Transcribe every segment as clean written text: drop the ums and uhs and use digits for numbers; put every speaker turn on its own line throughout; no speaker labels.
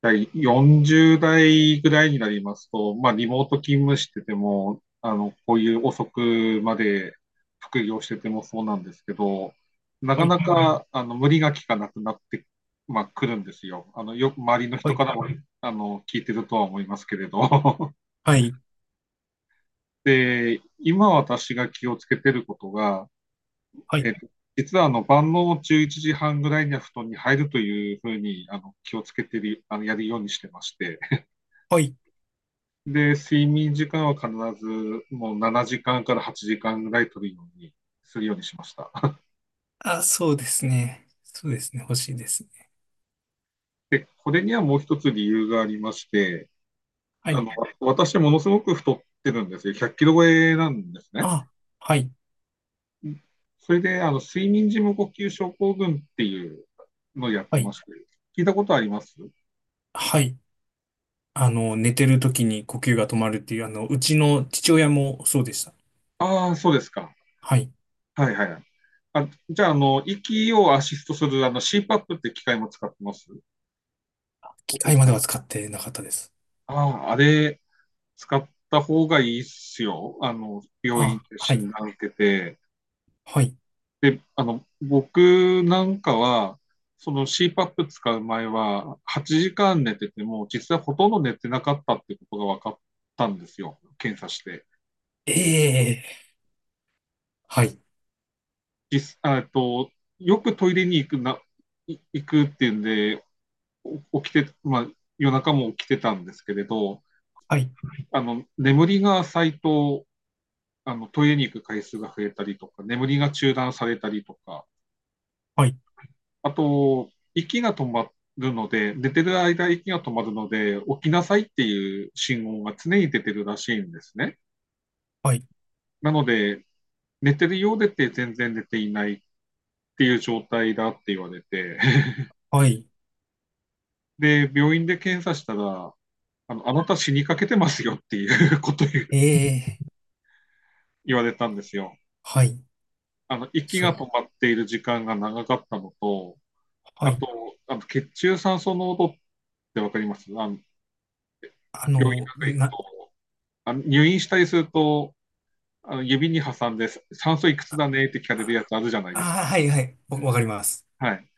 40代ぐらいになりますと、まあ、リモート勤務してても、こういう遅くまで副業しててもそうなんですけど、な
は
か
い、
なか、無理がきかなくなって、まあ、来るんですよ。よく周りの
は
人
い、
からも、聞いてるとは思いますけれど。
はい、
で、今私が気をつけてることが、
は
え
い、
っと、実は晩の11時半ぐらいには布団に入るというふうに気をつけてる、やるようにしてまして、
はい。
で、睡眠時間は必ずもう7時間から8時間ぐらい取るようにしました。
あ、そうですね。そうですね。欲しいですね。
で、これにはもう一つ理由がありまして、
は
あ
い。
の、私ものすごく太ってるんですよ。100キロ超えなんですね。
あ、はい、
それで、睡眠時無呼吸症候群っていうのをやっ
は
てま
い、
して、聞いたことあります？
はい。寝てる時に呼吸が止まるっていう、うちの父親もそうでした。
ああー、そうですか。
はい。
はいはいはい。あ、じゃあ、息をアシストするCPAP って機械も使ってます？お
機
父
械ま
さ
で
ん。
は使ってなかったです。
ああー、あれ、使った方がいいっすよ。病院
あ、
で
は
診
い、
断受けて。
はい。
で、僕なんかは、その CPAP 使う前は、8時間寝てても、実際ほとんど寝てなかったってことが分かったんですよ。検査して。
ええ、はい、
実、あえっと、よくトイレに行くな、行くっていうんで、起きて、まあ、夜中も起きてたんですけれど、
はい、
眠りが浅いと、トイレに行く回数が増えたりとか、眠りが中断されたりとか、
はい、
あと、息が止まるので、寝てる間息が止まるので、起きなさいっていう信号が常に出てるらしいんですね。
はい、
なので、寝てるようでって全然寝ていないっていう状態だって言われて、
はい。
で、病院で検査したら、あなた死にかけてますよっていうことを
ええ、
言われたんですよ。
はい。
息
し
が
ょ、
止まっている時間が長かったのと、
は
あ
い。
と、血中酸素濃度ってわかります？
あ
病院
の、
なんか行く
な、
と、入院したりすると、指に挟んで酸素いくつだねって聞かれるやつあるじゃない
あ、
ですか。
はい、はい。わかります。
はい。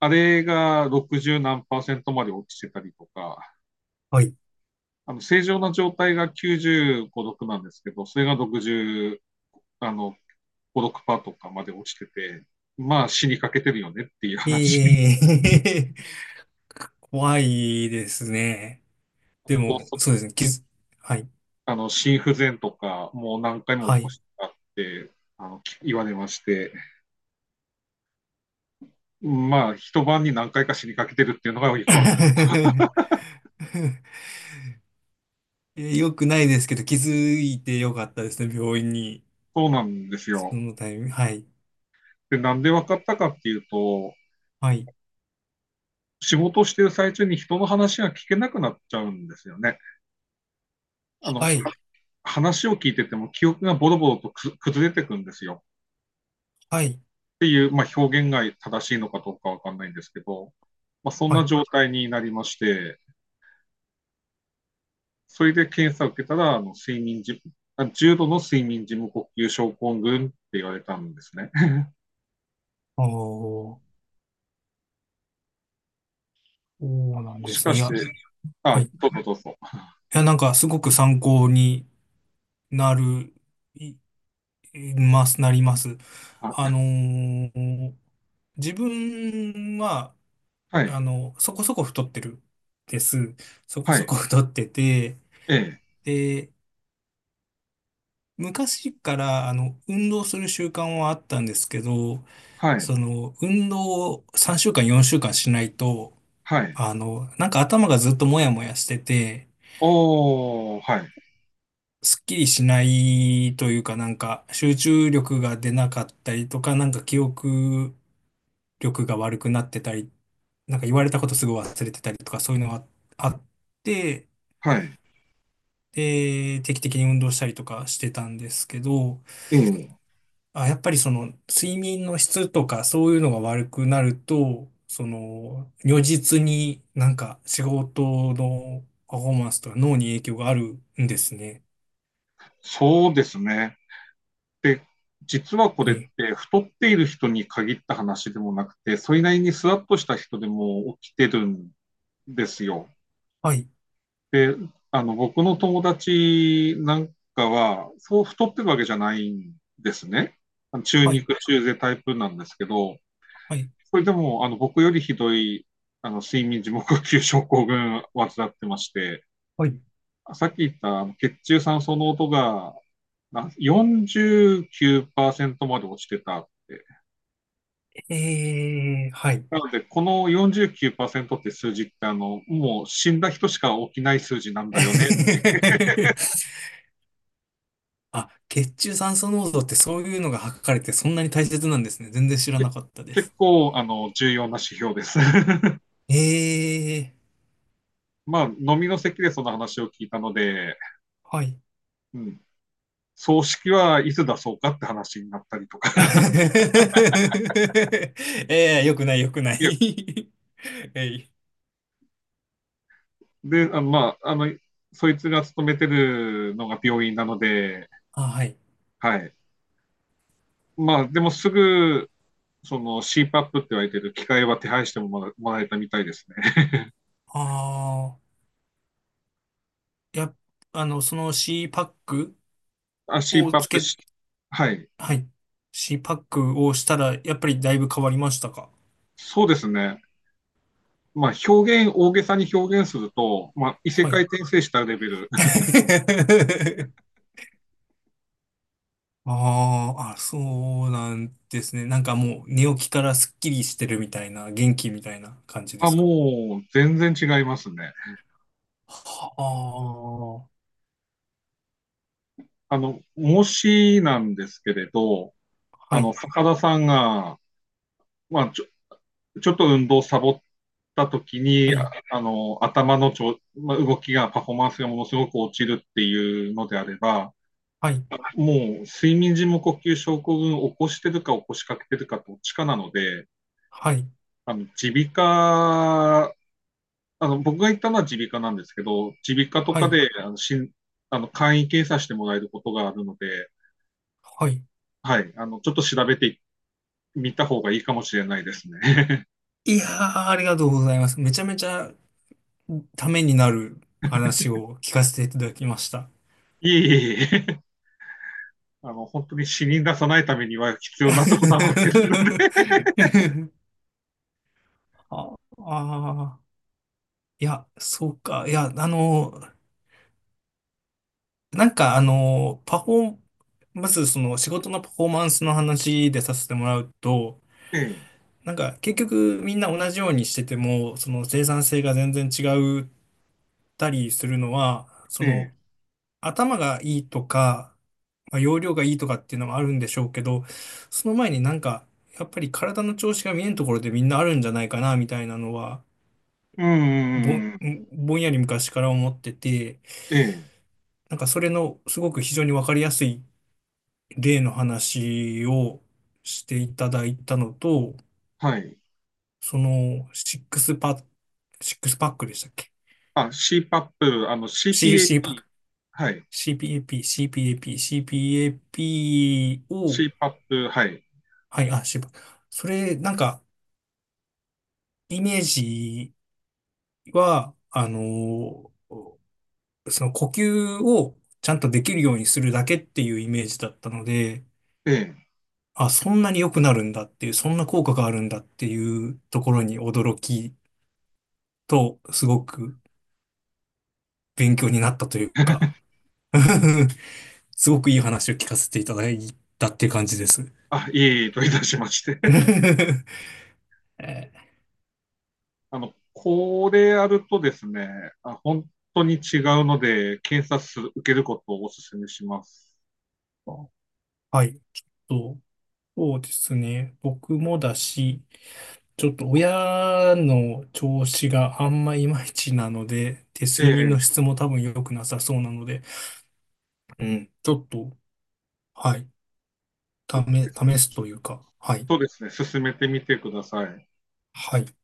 あれが60何パーセントまで落ちてたりとか、
はい。
正常な状態が95、6なんですけど、それが60、あの、5、6パーとかまで落ちてて、まあ死にかけてるよねっていう話。
ええ。 怖いですね。
あ
で
と、
も、
そ
そうですね。はい。
あの、心不全とか、もう何回も
は
起こ
い。
してあって、言われまして、まあ、一晩に何回か死にかけてるっていうのがよくわかる。
よくないですけど、気づいてよかったですね。病院に。
そうなんです
そ
よ。
のタイミング。はい。
で、なんで分かったかっていうと、
はい。
仕事をしている最中に人の話が聞けなくなっちゃうんですよね。あの、
はい。
話を聞いてても記憶がボロボロと崩れてくんですよ。
はい。
っていう、まあ、表現が正しいのかどうかわかんないんですけど、まあ、そん
は
な
い。
状態になりまして、それで検査を受けたら、あの、睡眠時、あ重度の睡眠時無呼吸症候群って言われたんですね。
ああ、そうな ん
も
で
し
す
か
ね。い
し
や、
て、
は
あ、
い。い
どうぞどうぞ。
や、なんか、すごく参考になる、い、います、なります。あ
あ、
のー自分は、
はい、
そこそこ太ってるです。そこ
は
そ
い、
こ太ってて、
ええ、
で、昔から運動する習慣はあったんですけど、
はい、
その、運動を3週間、4週間しないと、
はい、
なんか頭がずっともやもやしてて、
おー、はい、
すっきりしないというか、なんか集中力が出なかったりとか、なんか記憶力が悪くなってたり、なんか言われたことすぐ忘れてたりとか、そういうのがあって、
はい。
で、定期的に運動したりとかしてたんですけど、
ええ、
あ、やっぱりその睡眠の質とかそういうのが悪くなると、その如実になんか仕事のパフォーマンスとか脳に影響があるんですね。
そうですね。で、実はこ
は
れっ
い。
て太っている人に限った話でもなくて、それなりにスワッとした人でも起きてるんですよ。
はい。
で、僕の友達なんかは、そう太ってるわけじゃないんですね。中
はい。
肉中背タイプなんですけど、
はい。
それでも、僕よりひどい、睡眠時無呼吸症候群患ってまして、
はい。
さっき言った血中酸素濃度が49%まで落ちてたって。
えー、はい。
なので、この49%って数字って、もう死んだ人しか起きない数字なんだよね。
あ、血中酸素濃度ってそういうのが測れてそんなに大切なんですね。全然知らなかったで
結
す。
構、重要な指標です。
えー、
まあ、飲みの席でその話を聞いたので、
はい。
うん、葬式はいつ出そうかって話になったりとか。
ええ、よくない、よくな
いや、
い。 えい。
で、まあ、そいつが勤めてるのが病院なので、
あ、はい。
はい。まあ、でもすぐ、その c パップって言われてる機械は手配してももらえたみたいですね。
ああ、や、その C パック
あ、c
を
パ
つ
ップ
け、
し、はい。
はい。C パックをしたら、やっぱりだいぶ変わりましたか？
そうですね。まあ、大げさに表現すると、まあ、異世
は
界
い。
転生したレベル。
あーあ、そうなんですね。なんかもう寝起きからスッキリしてるみたいな、元気みたいな感 じで
あ、
すか？
もう、全然違いますね。
はあ、
もしなんですけれど、
はい、
坂田さんが、まあ、ちょっと運動をサボった時
は
に、
い、
頭のまあ、動きが、パフォーマンスがものすごく落ちるっていうのであれば、
はい、
もう睡眠時無呼吸症候群を起こしてるか起こしかけてるかどっちかなので、
はい、
あの、耳鼻科、あの、僕が行ったのは耳鼻科なんですけど、耳鼻科と
は
か
い、
で、あの、しん、あの、簡易検査してもらえることがあるので、
はい。
はい、ちょっと調べてみた方がいいかもしれないですね。
いやー、ありがとうございます。めちゃめちゃためになる話を聞かせていただきました。
いえいえいえ、本当に死に出さないためには必要なとこだまってるの で、
ああー、いや、そうか。いや、なんかパフォー、まずその仕事のパフォーマンスの話でさせてもらうと、
ええ、
なんか結局みんな同じようにしてても、その生産性が全然違ったりするのは、そ
え
の、
え、
頭がいいとか、まあ、容量がいいとかっていうのもあるんでしょうけど、その前になんか、やっぱり体の調子が見えんところでみんなあるんじゃないかな、みたいなのは、
うん
ぼ
う
ん、
んうん
ぼんやり昔から思ってて、
ええ、
なんかそれのすごく非常にわかりやすい例の話をしていただいたのと、
はい。
その、シックスパックでしたっけ？
あ、c パップあの、CPAP、
C パック。
はい。
CPAP、CPAP、CPAP を、
c パッ p はい。
はい、あ、渋。それ、なんか、イメージは、ーその呼吸をちゃんとできるようにするだけっていうイメージだったので、
ええ。
あ、そんなに良くなるんだっていう、そんな効果があるんだっていうところに驚きと、すごく勉強になったというか、すごくいい話を聞かせていただいたっていう感じです。
あ、いえいえといたしまして。
え
これやるとですね、あ、本当に違うので、検査数受けることをお勧めします。
ー、はい。ちょっと、そうですね。僕もだし、ちょっと親の調子があんまいまいちなので、で、
え
睡眠の
え、
質も多分良くなさそうなので、うん、ちょっと、はい、
ちょっ
試すというか、はい、
とですね、進めてみてください。
はい、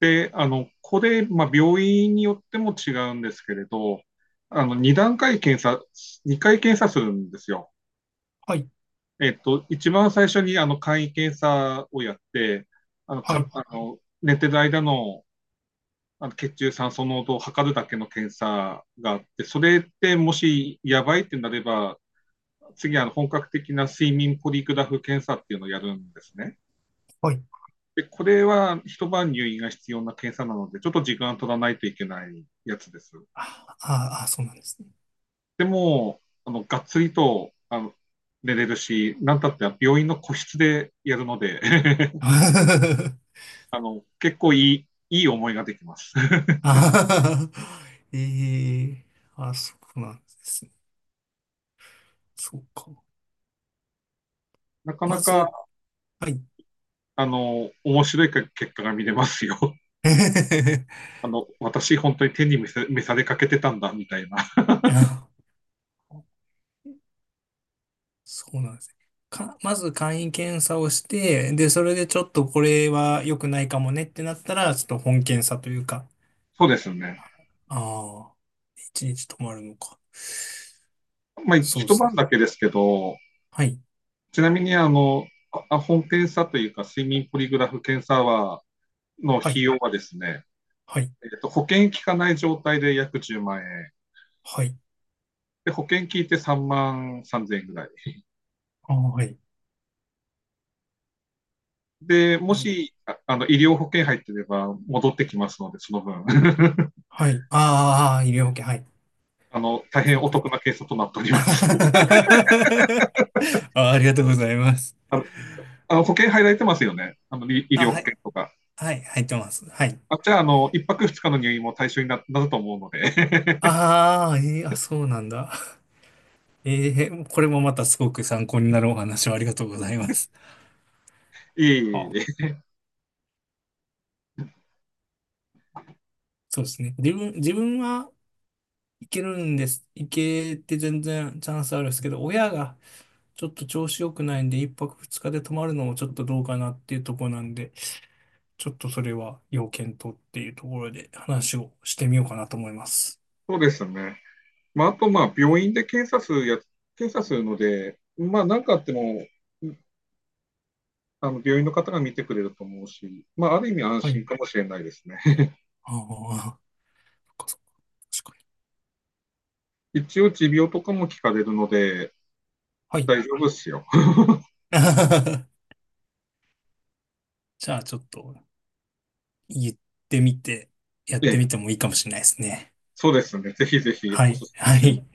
で、これ、まあ、病院によっても違うんですけれど、2段階検査、2回検査するんですよ。
はい、
一番最初に、簡易検査をやって、あの、
は
か、
い、
あの、寝てる間の血中酸素濃度を測るだけの検査があって、それってもしやばいってなれば、次、本格的な睡眠ポリグラフ検査っていうのをやるんですね。
はい、
で、これは一晩入院が必要な検査なので、ちょっと時間取らないといけないやつです。
あーあー、そうなんですね。
でも、がっつりと寝れるし、なんたって病院の個室でやるので 結構いい思いができます。
あー、ええ、あ、そうなんですね。そうか。
なかな
まず、
か、
はい。
面白い結果が見れますよ。私本当に天に召さされかけてたんだ、みたいな。
あ、そうなんですね。まず簡易検査をして、で、それでちょっとこれは良くないかもねってなったら、ちょっと本検査というか、
そうですよね。
ああ、一日止まるのか。
まあ、
そうで
一
すね。
晩だけですけど、
はい、
ちなみに本検査というか、睡眠ポリグラフ検査は、
は
費
い、
用はですね、
はい、
保険効かない状態で約10万円。
はい、
で、保険効いて3万3千円ぐらい。
ああ、はい、
で、も
え
し、医療保険入ってれば戻ってきますので、その分。
はい、あーあー、医療保険、はい。あ、
大
そ
変
っ
お
かそっ
得
か。
な検査となっておりま す。
あ、ありがとうございます。
あの、保険入られてますよね。医
あ、
療保
は
険
い、
とか。
はい、入ってます。はい。
あ、じゃあ、一泊二日の入院も対象になると思うので
ああ、あ、そうなんだ。ええ、これもまたすごく参考になるお話をありがとうございます。
いえ
あ、
いえ
そうですね。自分はいけるんです。いけて全然チャンスあるんですけど、親がちょっと調子良くないんで、一泊二日で泊まるのもちょっとどうかなっていうところなんで、ちょっとそれは要検討っていうところで話をしてみようかなと思います。
そうですね。まあ、あと、まあ、病院で検査するので、まあ、なんかあっても、病院の方が見てくれると思うし、まあ、ある意味安
は
心
い。
かもしれないですね
ああ、そっかそっか。確かに。
一応、持病とかも聞かれるので、
はい。
大丈夫ですよ
じゃあちょっと言ってみて、やっ
え
て
え、
みてもいいかもしれないですね。
そうですね。ぜひぜひ、
は
お
い。
すすめ
は
しま
い。
す。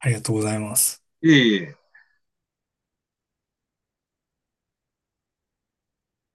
ありがとうございます。
いえいえ。